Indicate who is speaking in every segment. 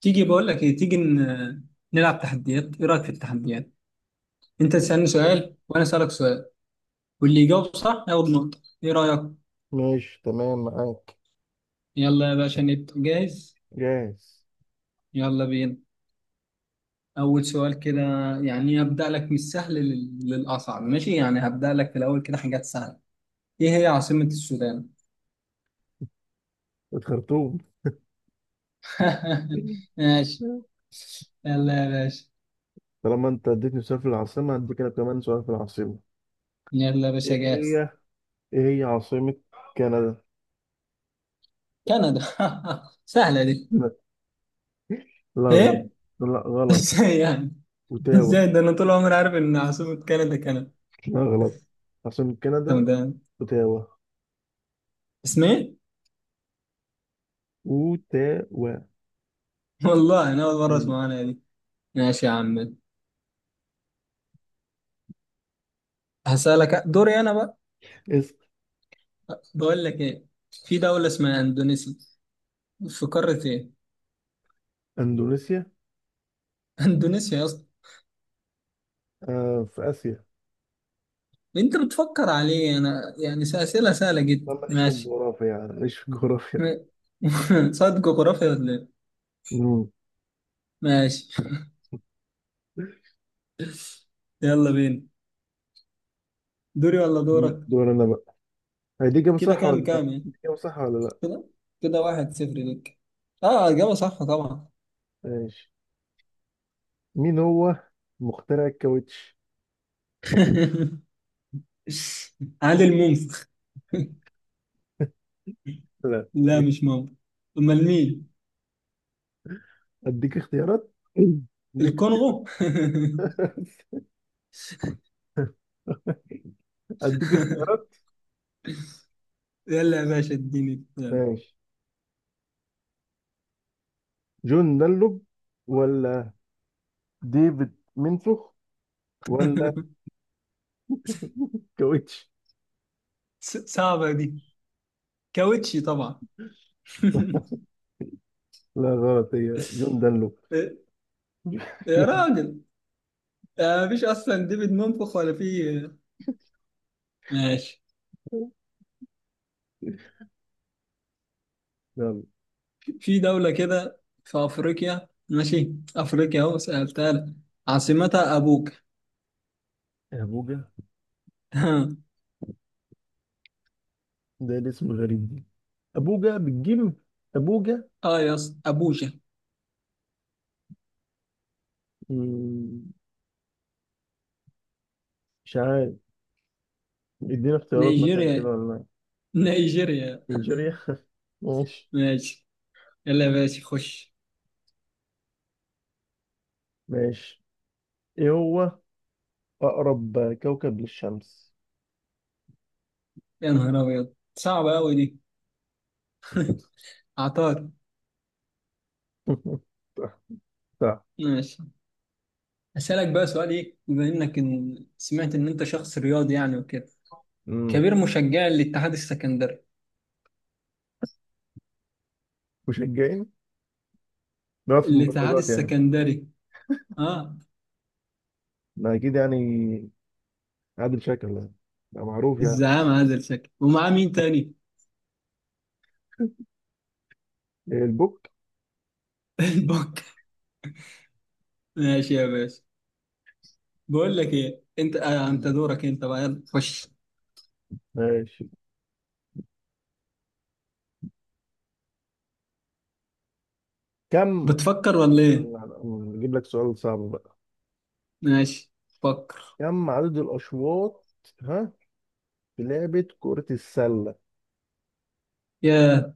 Speaker 1: تيجي بقول لك ايه، تيجي نلعب تحديات. ايه رايك في التحديات؟ انت تسالني
Speaker 2: مم.
Speaker 1: سؤال وانا اسالك سؤال. واللي يجاوب صح ياخد نقطه. ايه رايك؟
Speaker 2: ماشي، تمام معاك.
Speaker 1: يلا يا باشا، نبدا. جاهز؟
Speaker 2: جاهز.
Speaker 1: يلا بينا. اول سؤال كده. يعني هبدا لك من السهل للاصعب، ماشي؟ يعني هبدا لك في الاول كده حاجات سهله. ايه هي عاصمه السودان؟
Speaker 2: الخرطوم.
Speaker 1: ماشي. يلا يا باشا،
Speaker 2: طالما انت اديتني سؤال في العاصمة هديك انا كمان سؤال في العاصمة.
Speaker 1: يلا يا
Speaker 2: ايه
Speaker 1: باشا، جاهز؟
Speaker 2: هي ايه هي عاصمة كندا؟
Speaker 1: كندا. سهله دي؟
Speaker 2: لا. لا غلط.
Speaker 1: ايه؟
Speaker 2: لا غلط.
Speaker 1: ازاي يعني؟
Speaker 2: اوتاوا.
Speaker 1: ازاي ده؟ انا طول عمري عارف ان عاصمه كندا كندا.
Speaker 2: لا غلط، عاصمة
Speaker 1: طب
Speaker 2: كندا
Speaker 1: ده
Speaker 2: اوتاوا.
Speaker 1: اسمه ايه؟
Speaker 2: اوتاوا.
Speaker 1: والله انا اول مره
Speaker 2: مم.
Speaker 1: اسمع عنها دي. ماشي يا عم. هسألك، دوري انا بقى.
Speaker 2: اسم
Speaker 1: بقول لك ايه، في دوله اسمها اندونيسيا، في قاره ايه؟
Speaker 2: اندونيسيا.
Speaker 1: اندونيسيا يا اسطى.
Speaker 2: آه، في اسيا.
Speaker 1: انت بتفكر عليه؟ انا يعني اسئله سهله
Speaker 2: لا،
Speaker 1: جدا،
Speaker 2: ماليش في
Speaker 1: ماشي.
Speaker 2: الجغرافيا يعني ماليش في الجغرافيا.
Speaker 1: صاد جغرافيا ولا ايه؟
Speaker 2: مم.
Speaker 1: ماشي. يلا بينا. دوري ولا دورك؟
Speaker 2: دور انا بقى. هي دي اجابة
Speaker 1: كده،
Speaker 2: صح
Speaker 1: كام
Speaker 2: ولا لا؟
Speaker 1: كام يعني؟
Speaker 2: دي اجابة صح ولا لا؟
Speaker 1: كده، كده، واحد صفر ليك. اه، اجابه صح طبعا.
Speaker 2: ماشي. مين هو مخترع الكاوتش؟
Speaker 1: عادل منفخ.
Speaker 2: لا.
Speaker 1: لا، مش مامبا. امال مين؟
Speaker 2: اديك اختيارات اديك
Speaker 1: الكونغو.
Speaker 2: اديك اختيارات.
Speaker 1: يلا يا باشا اديني، يلا.
Speaker 2: ماشي. جون دانلوب ولا ديفيد منسوخ ولا كاوتش؟
Speaker 1: صعبة دي. كاوتشي طبعا.
Speaker 2: لا غلط، هي جون دانلوب.
Speaker 1: يا
Speaker 2: جون
Speaker 1: راجل، مفيش اصلا ديفيد منفخ ولا في. ماشي.
Speaker 2: دانلوب.
Speaker 1: في دولة كده في افريقيا، ماشي، افريقيا اهو، سألتها لك. عاصمتها ابوك.
Speaker 2: ابوجا. ده الاسم غريب دي. ابوجا بالجيم. ابوجا.
Speaker 1: اه يا اسطى، ابوجا.
Speaker 2: مم، مش عارف. ادينا اختيارات مثلا كده
Speaker 1: نيجيريا.
Speaker 2: ولا لا؟
Speaker 1: نيجيريا،
Speaker 2: نيجيريا. ماشي.
Speaker 1: ماشي. يلا يا باشا خش.
Speaker 2: ماشي. ايه هو أقرب كوكب للشمس؟
Speaker 1: يا نهار أبيض، صعبة أوي دي. عطار.
Speaker 2: صح، صح.
Speaker 1: ماشي. أسألك بقى سؤال، إيه بما إنك إن سمعت إن أنت شخص رياضي يعني وكده،
Speaker 2: امم
Speaker 1: كبير مشجع للاتحاد السكندري.
Speaker 2: مشجعين. بنقعد في
Speaker 1: الاتحاد
Speaker 2: المدرجات يعني.
Speaker 1: السكندري، آه.
Speaker 2: ما اكيد يعني. عادل شكل يعني. ده معروف يعني.
Speaker 1: الزعامة عادل شكل، ومعاه مين تاني؟
Speaker 2: إيه، البوك.
Speaker 1: البك. ماشي يا باشا. بقول لك إيه، أنت دورك، أنت بقى، يلا خش.
Speaker 2: ماشي. كم
Speaker 1: بتفكر ولا إيه؟
Speaker 2: نجيب لك سؤال صعب بقى.
Speaker 1: ماشي، فكر.
Speaker 2: كم عدد الأشواط، ها، في لعبة كرة السلة؟
Speaker 1: يا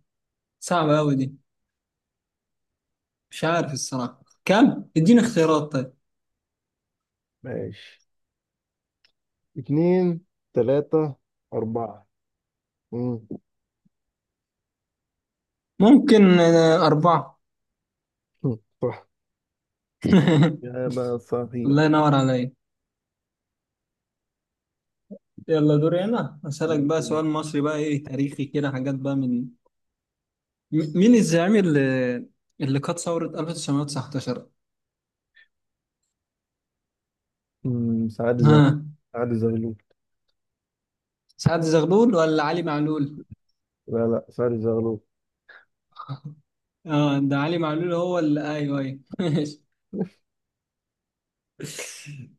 Speaker 1: صعبة أوي دي. مش عارف الصراحة كم، اديني اختيارات طيب.
Speaker 2: ماشي، اتنين، تلاتة، أربعة. مم.
Speaker 1: ممكن أربعة.
Speaker 2: صح. إجابة
Speaker 1: الله
Speaker 2: صحيح.
Speaker 1: ينور عليا. يلا، دوري انا، اسالك بقى سؤال مصري بقى، ايه، تاريخي كده حاجات بقى من مين الزعيم اللي قاد ثورة 1919؟
Speaker 2: مم. سعد زغلول.
Speaker 1: ها،
Speaker 2: سعد زغلول.
Speaker 1: سعد زغلول ولا علي معلول؟
Speaker 2: لا، لا، سعد زغلول.
Speaker 1: اه، ده علي معلول هو اللي، ايوه ايوه. ماشي.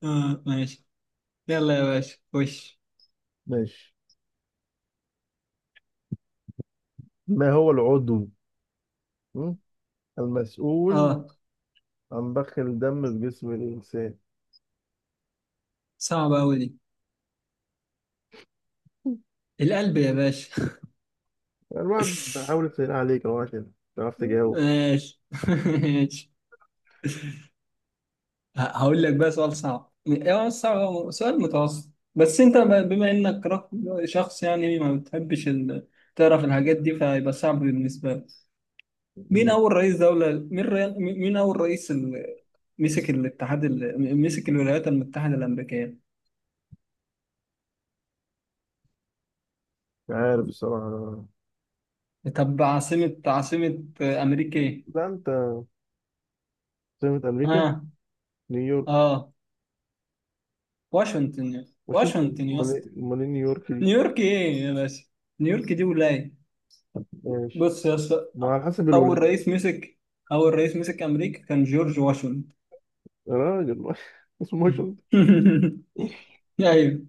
Speaker 1: اه، ماشي. يلا يا باشا خش.
Speaker 2: ماشي. ما هو العضو، م؟ المسؤول
Speaker 1: اه،
Speaker 2: عن ضخ الدم في جسم الإنسان؟
Speaker 1: صعبة أوي دي. القلب يا باشا.
Speaker 2: الواحد بحاول أسهل عليك أهو عشان تعرف تجاوب.
Speaker 1: ماشي. ماشي. هقول لك بقى سؤال صعب، يعني هو مش صعب، هو سؤال متوسط. بس انت بما انك شخص يعني ما بتحبش تعرف الحاجات دي، فهيبقى صعب بالنسبة لك. مين
Speaker 2: مش
Speaker 1: اول رئيس دولة مين ري... مين اول رئيس مسك الولايات المتحدة الأمريكية؟
Speaker 2: عارف بصراحة.
Speaker 1: طب، عاصمة أمريكا ايه؟
Speaker 2: لا أنت. سمة أمريكا.
Speaker 1: ها،
Speaker 2: نيويورك.
Speaker 1: اه واشنطن،
Speaker 2: مش أنت.
Speaker 1: واشنطن يا
Speaker 2: أمال
Speaker 1: اسطى.
Speaker 2: إيه؟ أمال إيه نيويورك دي؟
Speaker 1: نيويورك ايه يا باشا؟ نيويورك دي ولاية.
Speaker 2: ماشي.
Speaker 1: بص يا اسطى،
Speaker 2: ما على حسب
Speaker 1: اول
Speaker 2: الولاية.
Speaker 1: رئيس مسك اول رئيس مسك امريكا كان جورج واشنطن.
Speaker 2: يا راجل. اسمه مش أنت.
Speaker 1: ايوه.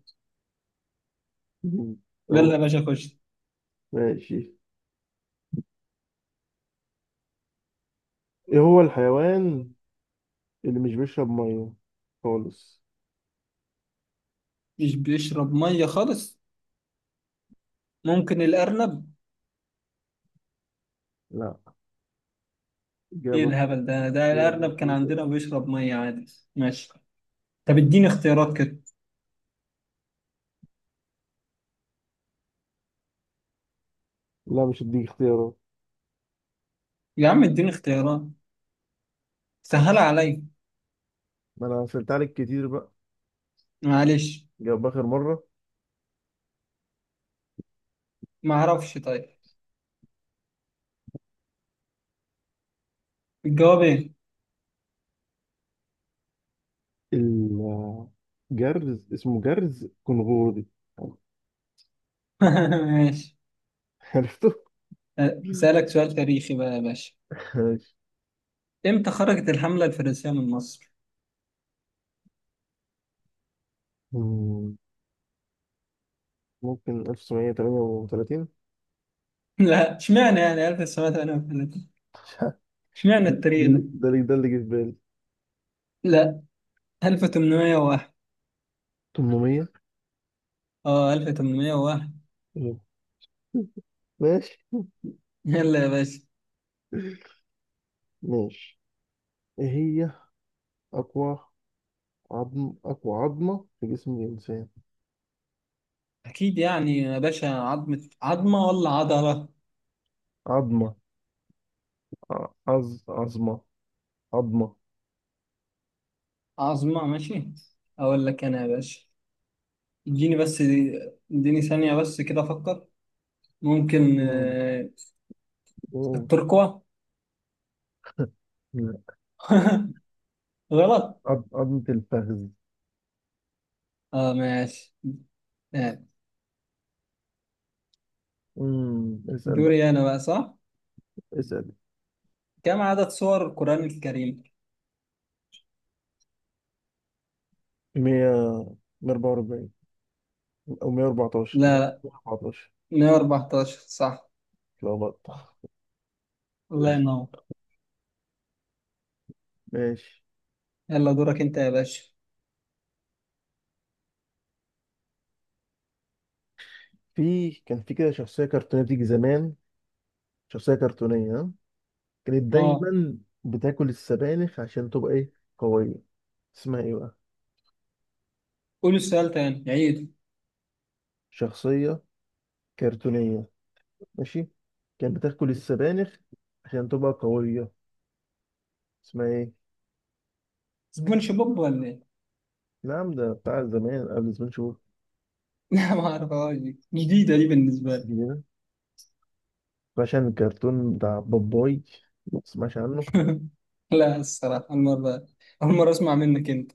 Speaker 2: م،
Speaker 1: يلا
Speaker 2: يلا.
Speaker 1: يا باشا خش.
Speaker 2: ماشي. إيه هو الحيوان اللي مش بيشرب مية خالص؟
Speaker 1: مش بيشرب ميه خالص. ممكن الارنب.
Speaker 2: لا.
Speaker 1: ايه
Speaker 2: إجابة.
Speaker 1: الهبل ده، الارنب كان
Speaker 2: إجابة.
Speaker 1: عندنا بيشرب ميه عادي. ماشي. طب اديني اختيارات كده.
Speaker 2: لا، مش هديك اختيارات.
Speaker 1: يا عم اديني اختيارات، سهل عليا،
Speaker 2: ما انا سألت عليك كتير بقى.
Speaker 1: معلش.
Speaker 2: جاب اخر مرة.
Speaker 1: ما اعرفش طيب، الجواب ايه؟
Speaker 2: الجرز اسمه جرز كنغوري.
Speaker 1: ماشي.
Speaker 2: عرفته؟
Speaker 1: أه، اسالك سؤال تاريخي بقى يا باشا.
Speaker 2: ماشي.
Speaker 1: امتى خرجت الحمله الفرنسيه من مصر؟
Speaker 2: مم، ممكن 1938.
Speaker 1: لا، اشمعنى يعني 1908؟
Speaker 2: مش عارف.
Speaker 1: اشمعنى
Speaker 2: ده
Speaker 1: التاريخ
Speaker 2: اللي
Speaker 1: ده؟
Speaker 2: ده اللي ده اللي جه في بالي.
Speaker 1: لا، 1801.
Speaker 2: 800.
Speaker 1: اه، 1801.
Speaker 2: ماشي.
Speaker 1: يلا يا باشا.
Speaker 2: ماشي. ايه هي اقوى اقوى عظمة في جسم الانسان؟
Speaker 1: اكيد يعني يا باشا، عظمة، عظمة ولا عضلة؟
Speaker 2: عظمة. ع- عظ عظمة. عظمة.
Speaker 1: عظمة، ماشي. اقول لك انا يا باشا، اديني بس، اديني ثانية بس كده افكر. ممكن
Speaker 2: مم. مم.
Speaker 1: التركوة. غلط.
Speaker 2: عظمة الفخذ.
Speaker 1: اه، ماشي. آه،
Speaker 2: مم. اسأل
Speaker 1: دوري انا بقى، صح؟
Speaker 2: اسأل
Speaker 1: كم عدد سور القرآن الكريم؟
Speaker 2: 144 او 114.
Speaker 1: لا،
Speaker 2: 114.
Speaker 1: لا، 114 صح.
Speaker 2: اتلخبطت.
Speaker 1: الله ينور.
Speaker 2: ماشي.
Speaker 1: يلا، دورك انت يا باشا.
Speaker 2: كان في كده شخصيه كرتونيه بتيجي زمان. شخصيه كرتونيه، ها؟ كانت
Speaker 1: اه،
Speaker 2: دايما بتاكل السبانخ عشان تبقى ايه، قويه. اسمها ايه بقى؟
Speaker 1: قول السؤال تاني، عيد.
Speaker 2: شخصيه كرتونيه. ماشي. كانت بتاكل السبانخ عشان تبقى قويه. اسمها ايه؟
Speaker 1: سبونج بوب ولا ايه؟
Speaker 2: نعم، ده بتاع زمان، قبل زمان شهور.
Speaker 1: لا، ما اعرفهاش دي، جديدة دي بالنسبة لي.
Speaker 2: جديدة. فعشان الكرتون بتاع باباي ما تسمعش عنه.
Speaker 1: لا الصراحة المرة، أول مرة أسمع منك أنت.